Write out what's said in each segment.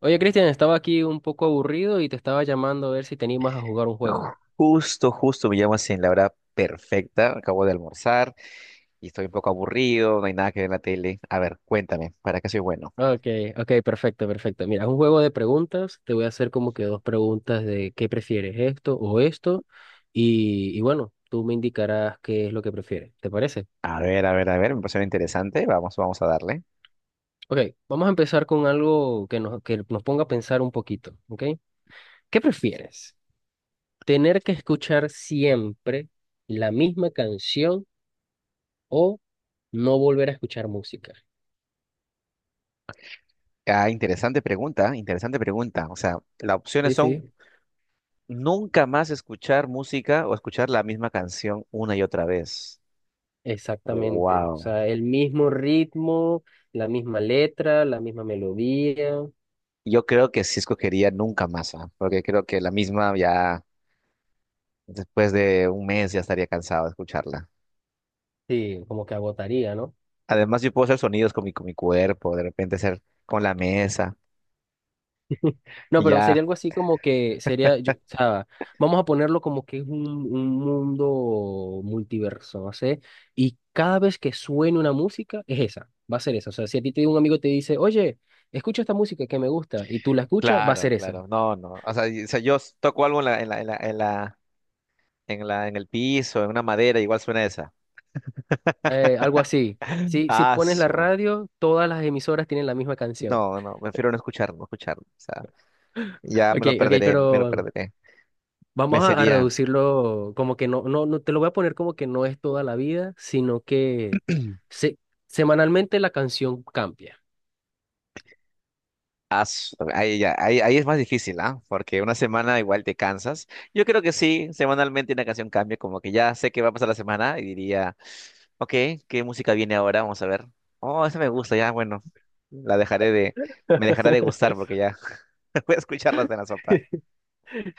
Oye, Cristian, estaba aquí un poco aburrido y te estaba llamando a ver si te animas a jugar un juego. Justo, justo me llamas en la hora perfecta. Acabo de almorzar y estoy un poco aburrido, no hay nada que ver en la tele. A ver, cuéntame, ¿para qué soy bueno? Ah, Ok, ok, perfecto, perfecto. Mira, es un juego de preguntas. Te voy a hacer como que dos preguntas de qué prefieres, esto o esto. Y bueno, tú me indicarás qué es lo que prefieres. ¿Te parece? A ver, a ver, a ver, me pareció interesante. Vamos, vamos a darle. Ok, vamos a empezar con algo que nos ponga a pensar un poquito. ¿Ok? ¿Qué prefieres? ¿Tener que escuchar siempre la misma canción o no volver a escuchar música? Ah, interesante pregunta, interesante pregunta. O sea, las opciones Sí, son sí. nunca más escuchar música o escuchar la misma canción una y otra vez. Exactamente, o Wow. sea, el mismo ritmo, la misma letra, la misma melodía, Yo creo que sí escogería nunca más, ¿ah? Porque creo que la misma ya después de un mes ya estaría cansado de escucharla. sí, como que agotaría, ¿no? Además, yo puedo hacer sonidos con con mi cuerpo, de repente hacer con la mesa, No, y pero sería ya, algo así como que sería, o sea, vamos a ponerlo como que es un mundo multiverso, no sé, y cada vez que suene una música es esa, va a ser esa, o sea, si a ti te, un amigo te dice, oye, escucha esta música que me gusta, y tú la escuchas, va a claro, ser esa. claro, no, no. O sea, toco algo en la, en la, en la, en la, en la- en el piso, en una madera, igual suena esa. Algo así, si, si Ah, pones la su. radio, todas las emisoras tienen la misma canción. No, no, prefiero no escucharlo, no escucharlo. O sea, ya me Ok, lo ok, perderé, me lo pero perderé. Me vamos a sería. reducirlo como que no, te lo voy a poner como que no es toda la vida, sino que se- semanalmente la canción cambia. Ah, su, ahí, ya, ahí, ahí es más difícil, ¿ah? Porque una semana igual te cansas. Yo creo que sí, semanalmente una canción cambia, como que ya sé qué va a pasar la semana y diría. Ok, ¿qué música viene ahora? Vamos a ver. Oh, esa me gusta, ya, bueno. La dejaré de... Me dejará de gustar porque ya voy a escucharlas en la sopa.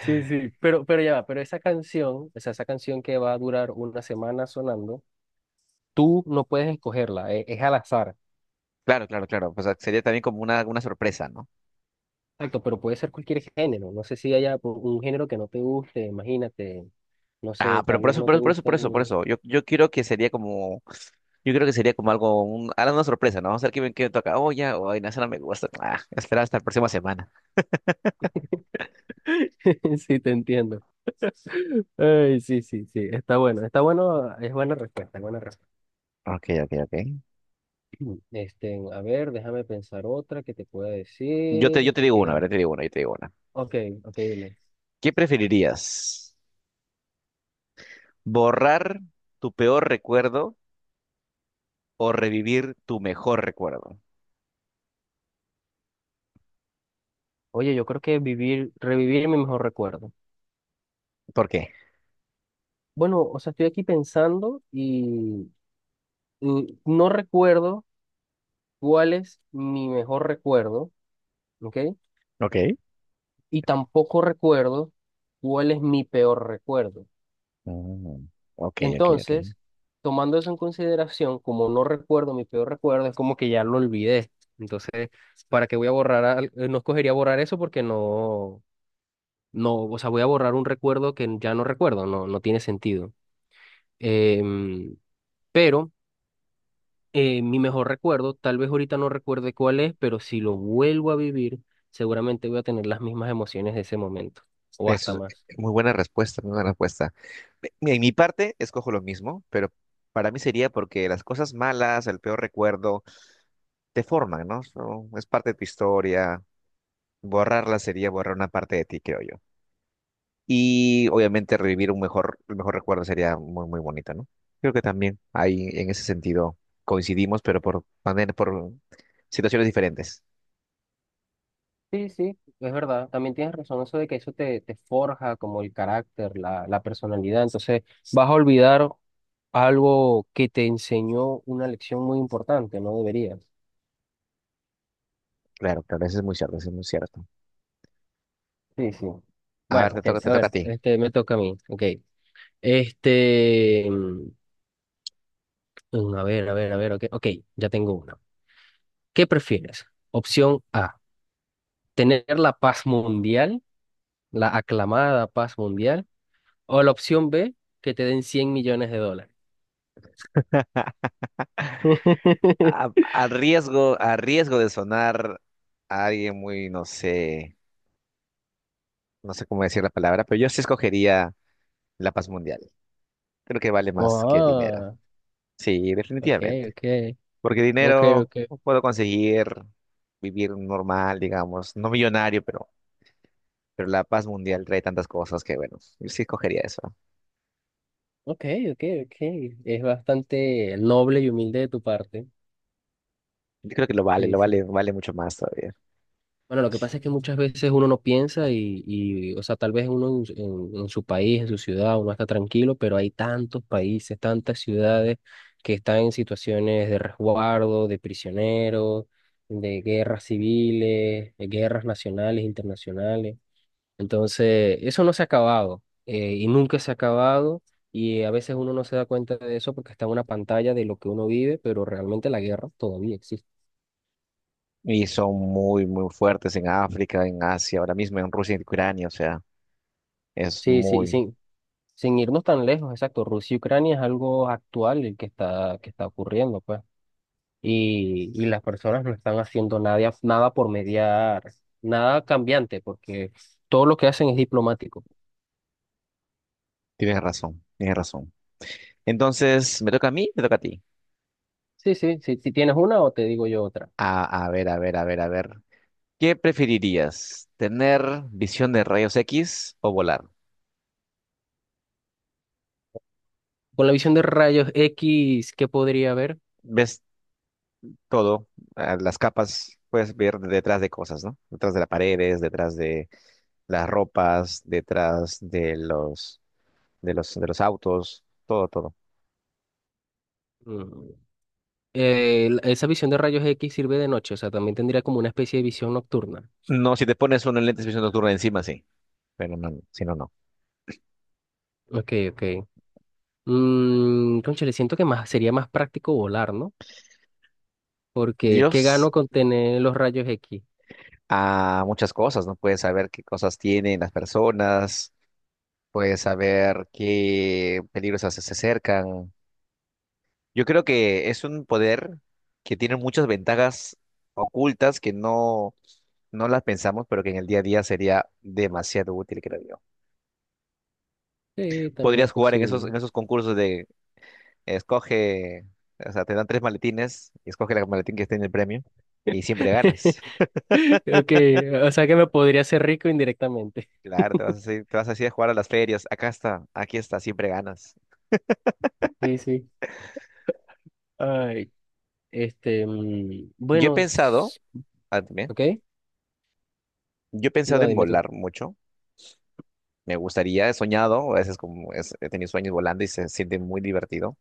Sí, sí, pero ya va, pero esa canción, o sea, esa canción que va a durar una semana sonando, tú no puedes escogerla, es, al azar. Claro, claro, claro. O sea, sería también como una sorpresa, ¿no? Exacto, pero puede ser cualquier género. No sé si haya un género que no te guste, imagínate. No Ah, sé, pero tal por vez eso, no por te eso, por eso, por eso, por gusten. eso. Yo quiero que sería como... Yo creo que sería como algo... Un, algo una sorpresa, ¿no? Vamos a ver qué, qué me toca. Oh, ya, oh, ay, no, esa no me gusta. Ah, espera hasta la próxima semana. Sí, te entiendo. Ay, sí, sí, sí. Está bueno, es buena respuesta, es buena respuesta. Ok, ok, ok. Este, a ver, déjame pensar otra que te pueda Yo te, decir. yo te digo Ok, una, a ¿verdad? ver. Te digo una, yo te digo una. Ok, ok, dime. ¿Qué preferirías? ¿Borrar tu peor recuerdo o revivir tu mejor recuerdo? Oye, yo creo que revivir mi mejor recuerdo. ¿Por qué? Bueno, o sea, estoy aquí pensando y no recuerdo cuál es mi mejor recuerdo, ¿ok? Ok. Y tampoco recuerdo cuál es mi peor recuerdo. Mm, ok, ok, ok. Entonces, tomando eso en consideración, como no recuerdo mi peor recuerdo, es como que ya lo olvidé. Entonces, ¿para qué voy a borrar? No escogería borrar eso porque no, no, o sea, voy a borrar un recuerdo que ya no recuerdo, no, no tiene sentido. Em, pero mi mejor recuerdo, tal vez ahorita no recuerde cuál es, pero si lo vuelvo a vivir, seguramente voy a tener las mismas emociones de ese momento, o hasta Eso más. es muy buena respuesta, muy buena respuesta. Mira, en mi parte escojo lo mismo, pero para mí sería porque las cosas malas, el peor recuerdo, te forman, ¿no? Es parte de tu historia. Borrarla sería borrar una parte de ti, creo yo. Y obviamente revivir un mejor, el mejor recuerdo sería muy, muy bonito, ¿no? Creo que también ahí en ese sentido coincidimos, pero por situaciones diferentes. Sí, sí, es verdad. También tienes razón eso de que eso te, te forja como el carácter, la personalidad. Entonces vas a olvidar algo que te enseñó una lección muy importante, no deberías. Claro, claro, eso es muy cierto, eso es muy cierto. Sí, sí. A ver, Bueno, ok, te a toca ver, a ti. este me toca a mí. Ok. Este, a ver, a ver, a ver, ok, ok, ya tengo una. ¿Qué prefieres? Opción A, tener la paz mundial, la aclamada paz mundial, o la opción B, que te den $100 millones. A riesgo de sonar a alguien muy, no sé, no sé cómo decir la palabra, pero yo sí escogería la paz mundial. Creo que vale más que el dinero. Oh, Sí, ok, definitivamente. ok, Porque ok, dinero ok, puedo conseguir vivir normal, digamos, no millonario, pero la paz mundial trae tantas cosas que, bueno, yo sí escogería eso. ok, ok, ok. Es bastante noble y humilde de tu parte. Yo creo que Sí, lo sí. vale, vale mucho más todavía. Bueno, lo que pasa es que muchas veces uno no piensa y o sea, tal vez uno en, en su país, en su ciudad, uno está tranquilo, pero hay tantos países, tantas ciudades que están en situaciones de resguardo, de prisioneros, de guerras civiles, de guerras nacionales, internacionales. Entonces, eso no se ha acabado y nunca se ha acabado y a veces uno no se da cuenta de eso porque está en una pantalla de lo que uno vive, pero realmente la guerra todavía existe. Y son muy, muy fuertes en África, en Asia, ahora mismo en Rusia y en Ucrania. O sea, es Sí, sí, y muy... sin irnos tan lejos, exacto, Rusia y Ucrania es algo actual el que que está ocurriendo, pues. Y las personas no están haciendo nada, nada por mediar, nada cambiante, porque todo lo que hacen es diplomático. Tienes razón, tienes razón. Entonces, ¿me toca a mí? ¿Me toca a ti? Sí, sí, sí, si tienes una o te digo yo otra. A ver, a ver, a ver, a ver. ¿Qué preferirías? ¿Tener visión de rayos X o volar? Con la visión de rayos X, ¿qué podría haber? Ves todo, las capas, puedes ver detrás de cosas, ¿no? Detrás de las paredes, detrás de las ropas, detrás de los, de los, de los autos, todo, todo. Mm, esa visión de rayos X sirve de noche, o sea, también tendría como una especie de visión nocturna. No, si te pones unos lentes de visión nocturna encima, sí. Pero no, si no, no. Ok, ok. Mm, cónchale, siento que más, sería más práctico volar, ¿no? Porque, ¿qué gano Dios, con tener los rayos X? a muchas cosas, ¿no? Puedes saber qué cosas tienen las personas, puedes saber qué peligros se acercan. Yo creo que es un poder que tiene muchas ventajas ocultas que no, no las pensamos, pero que en el día a día sería demasiado útil, creo yo. Sí, también es Podrías jugar en esos, posible. en esos concursos de escoge, o sea, te dan tres maletines y escoge el maletín que esté en el premio y siempre ganas. Ok, o sea que me podría hacer rico indirectamente. Claro, te vas así a jugar a las ferias. Acá está, aquí está, siempre ganas. Sí, sí. Ay, este, Yo he bueno, pensado, ah, también, ok. yo he pensado No, en dime tú. volar mucho. Me gustaría, he soñado, a veces he tenido sueños volando y se siente muy divertido.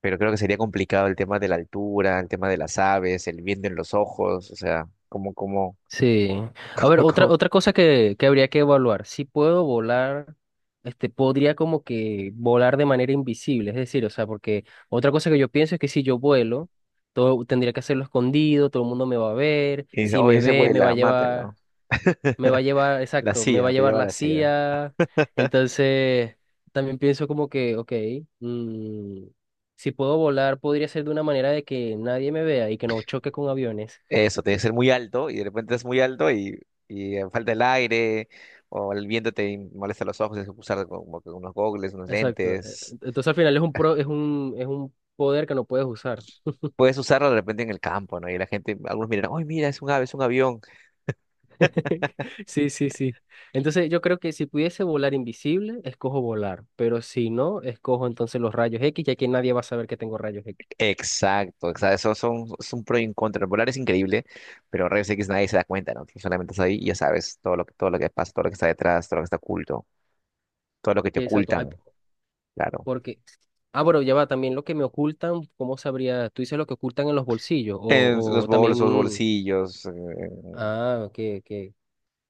Pero creo que sería complicado el tema de la altura, el tema de las aves, el viento en los ojos, o sea, Sí. A ver, como, como- otra cosa que habría que evaluar. Si puedo volar, este, podría como que volar de manera invisible. Es decir, o sea, porque otra cosa que yo pienso es que si yo vuelo, todo tendría que hacerlo escondido, todo el mundo me va a ver. Y dice, Si me oye, se ve, me va a vuela, llevar, mátenlo. me va a llevar, La exacto, me va a CIA, te llevar lleva a la la CIA. CIA. Entonces, también pienso como que, ok, mm, si puedo volar, podría ser de una manera de que nadie me vea y que no choque con aviones. Eso, tiene que ser muy alto y de repente es muy alto y, falta el aire o el viento te molesta los ojos, tienes que usar como que unos gogles, unos Exacto. Lentes. Entonces al final es un pro, es un poder que no puedes usar. Puedes usarlo de repente en el campo, ¿no? Y la gente, algunos miran, ¡ay, mira, es un ave, es un avión! Sí, sí, sí. Entonces yo creo que si pudiese volar invisible, escojo volar, pero si no, escojo entonces los rayos X, ya que nadie va a saber que tengo rayos X. Exacto, exacto, eso son, es un pro y un contra. Volar es increíble, pero rayos X nadie se da cuenta, ¿no? Tú solamente estás ahí y ya sabes todo lo que pasa, todo lo que está detrás, todo lo que está oculto, todo lo que te Sí, exacto. Ay, ocultan, claro. porque, ah, bueno, ya va, también lo que me ocultan, ¿cómo sabría? Tú dices lo que ocultan en los bolsillos, En los o también, bolsos, mm, bolsillos, ah, ok, ok.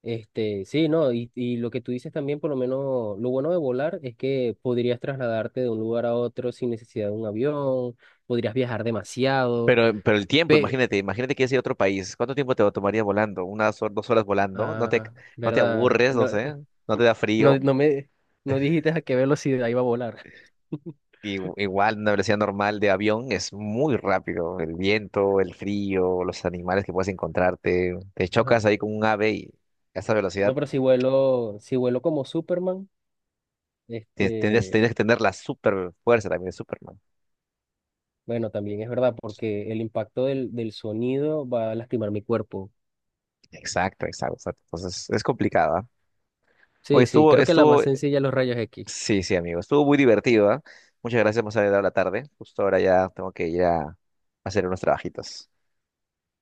Este, sí, no, y lo que tú dices también, por lo menos, lo bueno de volar es que podrías trasladarte de un lugar a otro sin necesidad de un avión, podrías viajar demasiado, pero el tiempo, pero, imagínate, imagínate que es ir a otro país. ¿Cuánto tiempo te tomaría volando? 2 horas volando? ¿No te, ah, no te ¿verdad? aburres, no No, sé? ¿No te da no, frío? No dijiste a qué velocidad iba a volar. Y, igual, una velocidad normal de avión es muy rápido. El viento, el frío, los animales que puedes encontrarte. Te No, chocas ahí con un ave y a esa velocidad no, pero si vuelo, si vuelo como Superman, tendrías, este, tendrías que tener la super fuerza también de Superman. bueno, también es verdad, porque el impacto del sonido va a lastimar mi cuerpo. Exacto, exacto, exacto. Entonces es complicada. Oye, Sí, sí, estuvo, creo que la más estuvo sencilla es los rayos X. sí, sí, amigo. Estuvo muy divertido, ¿ah? Muchas gracias, más adelante a la tarde. Justo ahora ya tengo que ir a hacer unos trabajitos.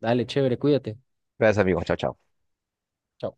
Dale, chévere, cuídate. Gracias, amigos. Chao, chao. Chao.